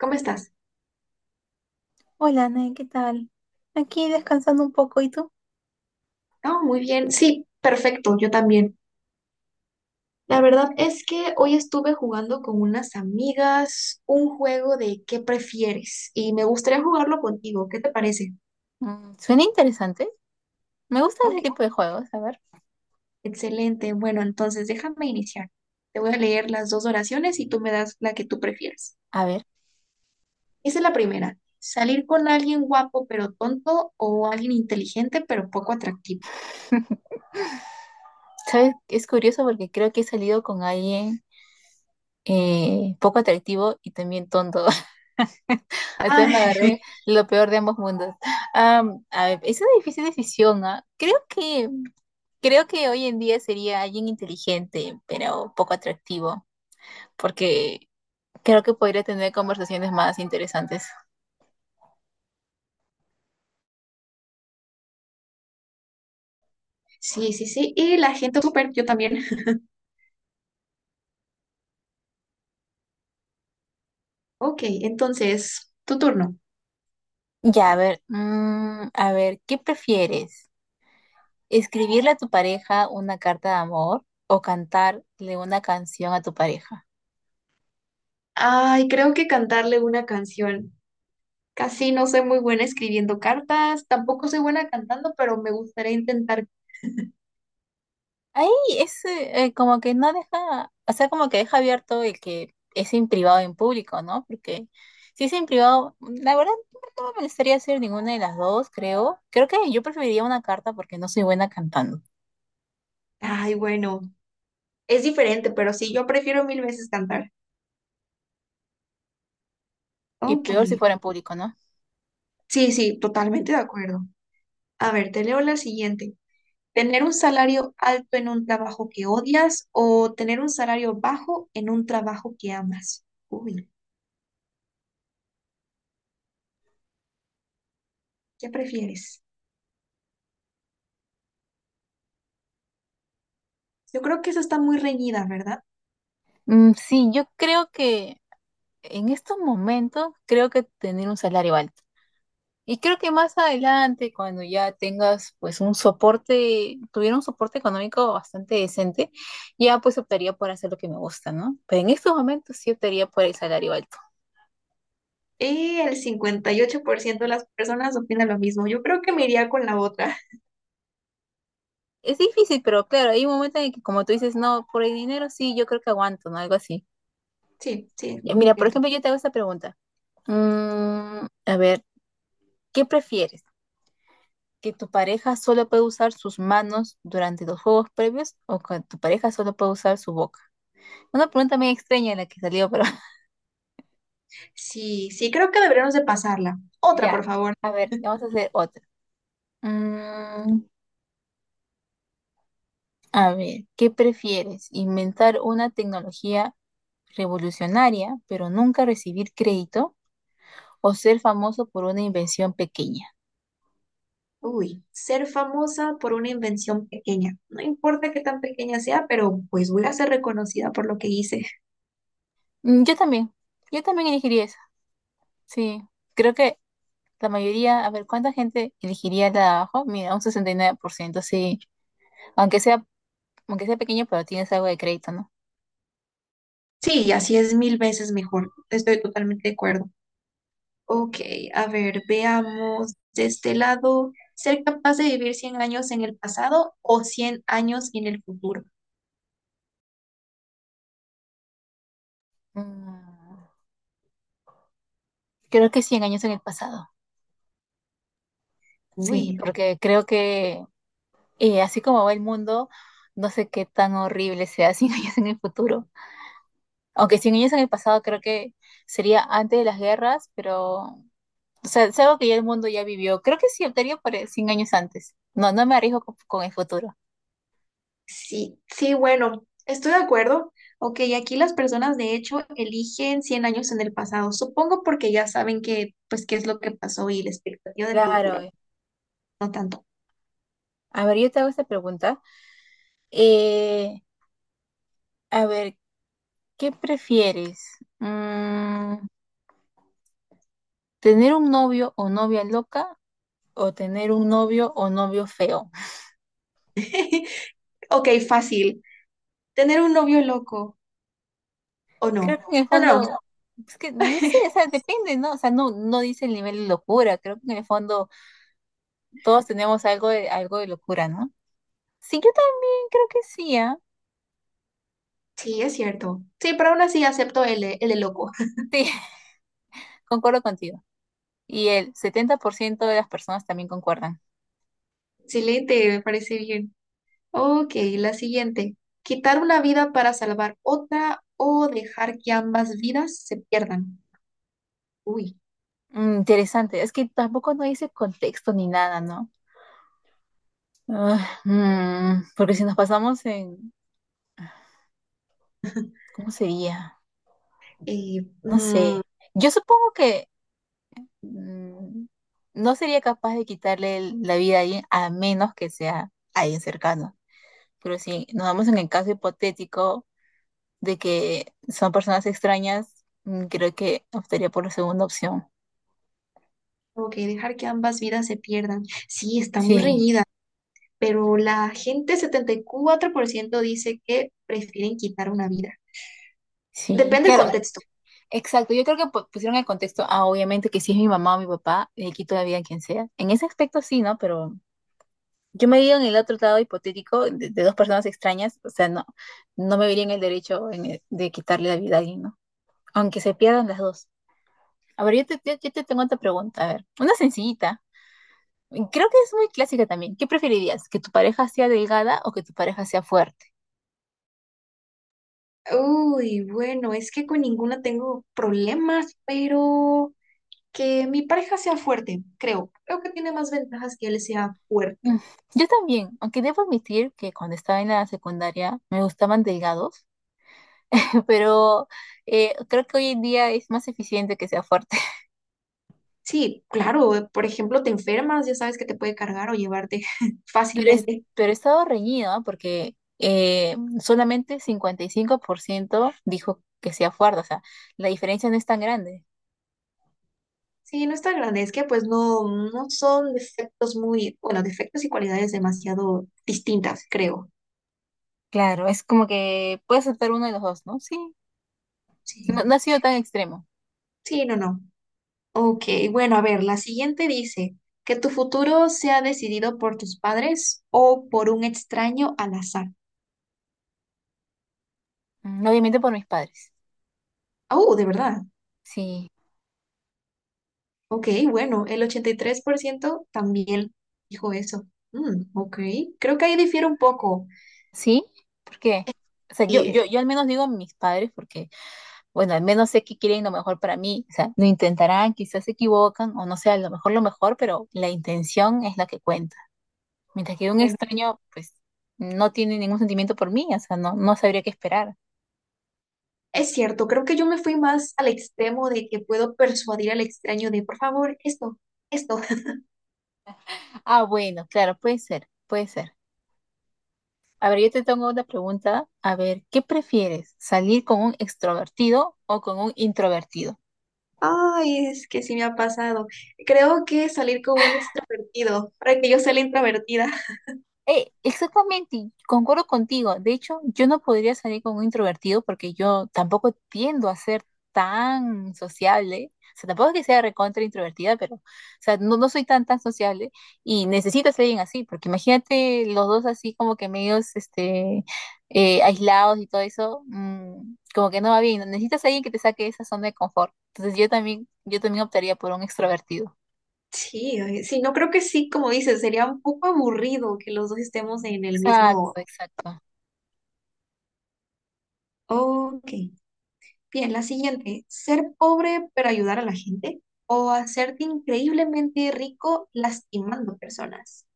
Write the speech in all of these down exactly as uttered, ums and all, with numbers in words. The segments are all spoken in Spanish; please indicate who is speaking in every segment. Speaker 1: ¿Cómo estás?
Speaker 2: Hola, Nay, ¿qué tal? Aquí descansando un poco, ¿y tú?
Speaker 1: Oh, muy bien. Sí, perfecto, yo también. La verdad es que hoy estuve jugando con unas amigas un juego de ¿qué prefieres? Y me gustaría jugarlo contigo. ¿Qué te parece?
Speaker 2: Mm, suena interesante. Me gusta
Speaker 1: Ok,
Speaker 2: ese tipo de juegos. A ver,
Speaker 1: excelente. Bueno, entonces déjame iniciar. Te voy a leer las dos oraciones y tú me das la que tú prefieras.
Speaker 2: a ver,
Speaker 1: Dice la primera, salir con alguien guapo pero tonto o alguien inteligente pero poco atractivo.
Speaker 2: ¿sabes? Es curioso porque creo que he salido con alguien eh, poco atractivo y también tonto. Entonces
Speaker 1: Ah,
Speaker 2: me agarré lo peor de ambos mundos. Am, a ver, es una difícil decisión, ¿ah? Creo que, creo que hoy en día sería alguien inteligente, pero poco atractivo, porque creo que podría tener conversaciones más interesantes.
Speaker 1: sí, sí, sí. Y la gente súper, yo también. Ok, entonces, tu turno.
Speaker 2: Ya, a ver, mm, a ver, ¿qué prefieres? ¿Escribirle a tu pareja una carta de amor o cantarle una canción a tu pareja?
Speaker 1: Ay, creo que cantarle una canción. Casi no soy muy buena escribiendo cartas, tampoco soy buena cantando, pero me gustaría intentar.
Speaker 2: Ahí es eh, eh, como que no deja, o sea, como que deja abierto el que es en privado o en público, ¿no? Porque si es en privado, la verdad no me molestaría hacer ninguna de las dos, creo. Creo que yo preferiría una carta porque no soy buena cantando.
Speaker 1: Ay, bueno, es diferente, pero sí, yo prefiero mil veces cantar.
Speaker 2: Y
Speaker 1: Ok.
Speaker 2: peor si fuera en público, ¿no?
Speaker 1: Sí, sí, totalmente de acuerdo. A ver, te leo la siguiente. ¿Tener un salario alto en un trabajo que odias o tener un salario bajo en un trabajo que amas? Uy, ¿qué prefieres? Yo creo que eso está muy reñida, ¿verdad?
Speaker 2: Mm, sí, yo creo que en estos momentos, creo que tener un salario alto. Y creo que más adelante, cuando ya tengas pues un soporte, tuviera un soporte económico bastante decente, ya pues optaría por hacer lo que me gusta, ¿no? Pero en estos momentos sí optaría por el salario alto.
Speaker 1: Y el cincuenta y ocho por ciento de las personas opinan lo mismo. Yo creo que me iría con la otra.
Speaker 2: Es difícil, pero claro, hay un momento en el que como tú dices, no, por el dinero sí, yo creo que aguanto, ¿no? Algo así.
Speaker 1: Sí, sí,
Speaker 2: Ya, mira, por
Speaker 1: cierto.
Speaker 2: ejemplo, yo te hago esta pregunta. Mm, a ver, ¿qué prefieres? ¿Que tu pareja solo puede usar sus manos durante los juegos previos o que tu pareja solo puede usar su boca? Una pregunta muy extraña la que salió, pero.
Speaker 1: Sí, sí, creo que deberíamos de pasarla. Otra,
Speaker 2: Ya,
Speaker 1: por favor.
Speaker 2: a ver, vamos a hacer otra. Mm, a ver, ¿qué prefieres? ¿Inventar una tecnología revolucionaria, pero nunca recibir crédito? ¿O ser famoso por una invención pequeña?
Speaker 1: Uy, ser famosa por una invención pequeña. No importa qué tan pequeña sea, pero pues voy a ser reconocida por lo que hice.
Speaker 2: Mm, yo también, yo también elegiría esa. Sí, creo que la mayoría, a ver, ¿cuánta gente elegiría la de abajo? Mira, un sesenta y nueve por ciento. Sí. Aunque sea, aunque sea pequeño, pero tienes algo de crédito, ¿no?
Speaker 1: Sí, así es mil veces mejor. Estoy totalmente de acuerdo. Ok, a ver, veamos de este lado. ¿Ser capaz de vivir cien años en el pasado o cien años en el futuro?
Speaker 2: Mm, creo que cien años en el pasado. Sí,
Speaker 1: Uy,
Speaker 2: porque creo que. Y así como va el mundo, no sé qué tan horrible sea cien años en el futuro. Aunque cien años en el pasado creo que sería antes de las guerras, pero. O sea, es algo que ya el mundo ya vivió. Creo que sí, optaría por el cien años antes. No, no me arriesgo con, con el futuro.
Speaker 1: Sí, sí, bueno, estoy de acuerdo. Ok, aquí las personas de hecho eligen cien años en el pasado, supongo porque ya saben que, pues, qué es lo que pasó y la expectativa del
Speaker 2: Claro.
Speaker 1: futuro,
Speaker 2: eh.
Speaker 1: no tanto.
Speaker 2: A ver, yo te hago esta pregunta. Eh, A ver, ¿qué prefieres? Mm, ¿tener un novio o novia loca o tener un novio o novio feo?
Speaker 1: Ok, fácil. ¿Tener un novio loco o
Speaker 2: Creo que
Speaker 1: no?
Speaker 2: en el
Speaker 1: No, no,
Speaker 2: fondo, es que no sé, o sea, depende, ¿no? O sea, no, no dice el nivel de locura, creo que en el fondo todos tenemos algo de, algo de locura, ¿no? Sí, yo también creo que sí, ¿ah?
Speaker 1: sí, es cierto. Sí, pero aún así acepto el, de- el de loco.
Speaker 2: Sí, concuerdo contigo. Y el setenta por ciento de las personas también concuerdan.
Speaker 1: Excelente, me parece bien. Ok, la siguiente. ¿Quitar una vida para salvar otra o dejar que ambas vidas se pierdan? Uy,
Speaker 2: Mm, interesante, es que tampoco no dice contexto ni nada, ¿no? Ah, mm, porque si nos pasamos en, ¿cómo sería?
Speaker 1: eh,
Speaker 2: No sé.
Speaker 1: mm,
Speaker 2: Yo supongo que mm, no sería capaz de quitarle el- la vida a alguien a menos que sea alguien cercano. Pero si nos vamos en el caso hipotético de que son personas extrañas, mm, creo que optaría por la segunda opción.
Speaker 1: Ok, dejar que ambas vidas se pierdan. Sí, está muy
Speaker 2: Sí,
Speaker 1: reñida, pero la gente setenta y cuatro por ciento dice que prefieren quitar una vida.
Speaker 2: sí,
Speaker 1: Depende del
Speaker 2: claro.
Speaker 1: contexto.
Speaker 2: Exacto, yo creo que pu- pusieron el contexto, ah, obviamente que si es mi mamá o mi papá, le quito la vida a quien sea. En ese aspecto sí, ¿no? Pero yo me veía en el otro lado hipotético de, de, dos personas extrañas, o sea, no, no me vería en el derecho en el- de quitarle la vida a alguien, ¿no? Aunque se pierdan las dos. A ver, yo te, yo- yo te tengo otra pregunta, a ver, una sencillita. Creo que es muy clásica también. ¿Qué preferirías? ¿Que tu pareja sea delgada o que tu pareja sea fuerte?
Speaker 1: Uy, bueno, es que con ninguna tengo problemas, pero que mi pareja sea fuerte, creo. Creo que tiene más ventajas que él sea fuerte.
Speaker 2: Mm, Yo también, aunque debo admitir que cuando estaba en la secundaria me gustaban delgados, pero eh, creo que hoy en día es más eficiente que sea fuerte.
Speaker 1: Sí, claro, por ejemplo, te enfermas, ya sabes que te puede cargar o llevarte
Speaker 2: Pero, es,
Speaker 1: fácilmente.
Speaker 2: pero he estado reñida porque eh, solamente cincuenta y cinco por ciento dijo que sea fuerte, o sea, la diferencia no es tan grande.
Speaker 1: Sí, no es tan grande, es que pues no, no son defectos muy, bueno, defectos y cualidades demasiado distintas, creo.
Speaker 2: Claro, es como que puede aceptar uno de los dos, ¿no? Sí, no,
Speaker 1: Sí,
Speaker 2: no ha sido tan extremo.
Speaker 1: sí, no, no. Ok, bueno, a ver, la siguiente dice, que tu futuro sea decidido por tus padres o por un extraño al azar.
Speaker 2: Mm, Obviamente por mis padres.
Speaker 1: Oh, de verdad.
Speaker 2: Sí,
Speaker 1: Ok, bueno, el ochenta y tres por ciento también dijo eso. Mm, ok, creo que ahí difiere un poco.
Speaker 2: sí, ¿por qué? O sea, yo, yo, yo al menos digo mis padres porque, bueno, al menos sé que quieren lo mejor para mí. O sea, lo intentarán, quizás se equivocan o no sea, a lo mejor lo mejor, pero la intención es la que cuenta. Mientras que un extraño, pues, no tiene ningún sentimiento por mí, o sea, no, no sabría qué esperar.
Speaker 1: Es cierto, creo que yo me fui más al extremo de que puedo persuadir al extraño de, por favor, esto, esto.
Speaker 2: Ah, bueno, claro, puede ser, puede ser. A ver, yo te tengo una pregunta. A ver, ¿qué prefieres? ¿Salir con un extrovertido o con un introvertido?
Speaker 1: Ay, es que sí me ha pasado. Creo que salir con un extrovertido, para que yo sea la introvertida.
Speaker 2: Eh, exactamente, concuerdo contigo. De hecho, yo no podría salir con un introvertido porque yo tampoco tiendo a ser tan sociable. O sea, tampoco es que sea recontra introvertida, pero, o sea, no, no soy tan, tan sociable y necesito ser alguien así, porque imagínate los dos así como que medios, este, eh, aislados y todo eso, mm, como que no va bien. Necesitas a alguien que te saque de esa zona de confort. Entonces yo también, yo también optaría por un extrovertido.
Speaker 1: Sí, ay, sí, no creo que sí, como dices, sería un poco aburrido que los dos estemos en el mismo.
Speaker 2: Exacto, exacto.
Speaker 1: Ok, bien, la siguiente, ser pobre pero ayudar a la gente o hacerte increíblemente rico lastimando personas.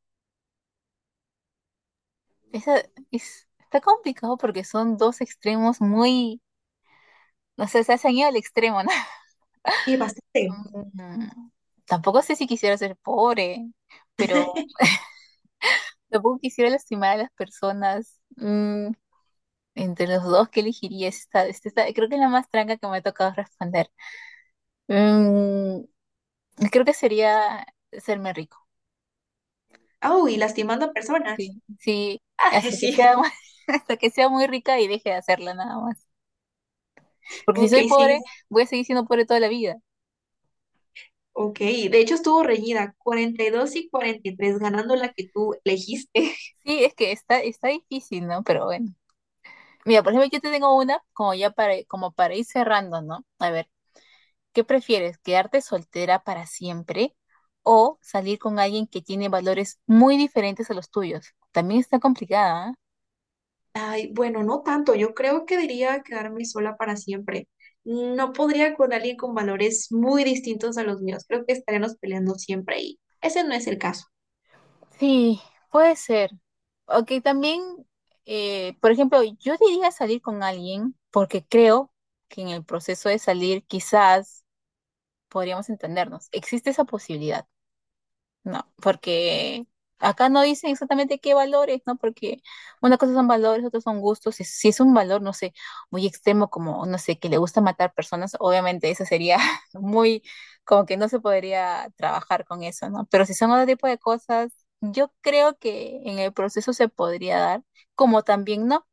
Speaker 2: Esa- es- está complicado porque son dos extremos muy, no sé, se han ido al extremo, ¿no?
Speaker 1: Y bastante.
Speaker 2: Mm, Tampoco sé si quisiera ser pobre, pero tampoco quisiera lastimar a las personas. Mm, entre los dos, ¿qué elegiría? Esta, esta- esta- creo que es la más tranca que me ha tocado responder. Mm, creo que sería serme rico.
Speaker 1: Oh, y lastimando a personas.
Speaker 2: Sí, sí,
Speaker 1: Ah,
Speaker 2: hasta que
Speaker 1: sí,
Speaker 2: sea, mu- hasta que sea muy rica y deje de hacerla nada más. Porque si
Speaker 1: ok,
Speaker 2: soy
Speaker 1: sí,
Speaker 2: pobre, voy a seguir siendo pobre toda la vida.
Speaker 1: ok. De hecho estuvo reñida, cuarenta y dos y dos y cuarenta y tres ganando la que tú elegiste.
Speaker 2: Sí, es que está, está difícil, ¿no? Pero bueno. Mira, por ejemplo, yo te tengo una como ya para, como para ir cerrando, ¿no? A ver, ¿qué prefieres? ¿Quedarte soltera para siempre o salir con alguien que tiene valores muy diferentes a los tuyos? También está complicada, ¿ah?
Speaker 1: Ay, bueno, no tanto, yo creo que diría quedarme sola para siempre. No podría con alguien con valores muy distintos a los míos, creo que estaremos peleando siempre y ese no es el caso.
Speaker 2: Sí, puede ser. Ok, también, eh, por ejemplo, yo diría salir con alguien porque creo que en el proceso de salir quizás podríamos entendernos. Existe esa posibilidad. No, porque acá no dicen exactamente qué valores, ¿no? Porque una cosa son valores, otros son gustos. Si, si es un valor, no sé, muy extremo, como, no sé, que le gusta matar personas, obviamente eso sería muy, como que no se podría trabajar con eso, ¿no? Pero si son otro tipo de cosas, yo creo que en el proceso se podría dar, como también no.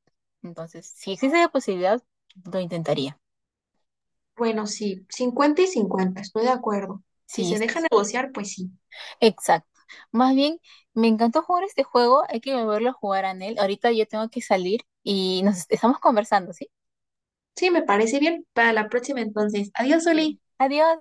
Speaker 2: Entonces, si existe la posibilidad, lo intentaría.
Speaker 1: Bueno, sí, cincuenta y cincuenta, estoy de acuerdo. Si
Speaker 2: Sí,
Speaker 1: se deja negociar, pues sí.
Speaker 2: exacto. Más bien, me encantó jugar este juego. Hay que volverlo a jugar, Anel. Ahorita yo tengo que salir y nos estamos conversando, ¿sí?
Speaker 1: Sí, me parece bien. Para la próxima entonces. Adiós,
Speaker 2: Sí.
Speaker 1: Oli.
Speaker 2: Adiós.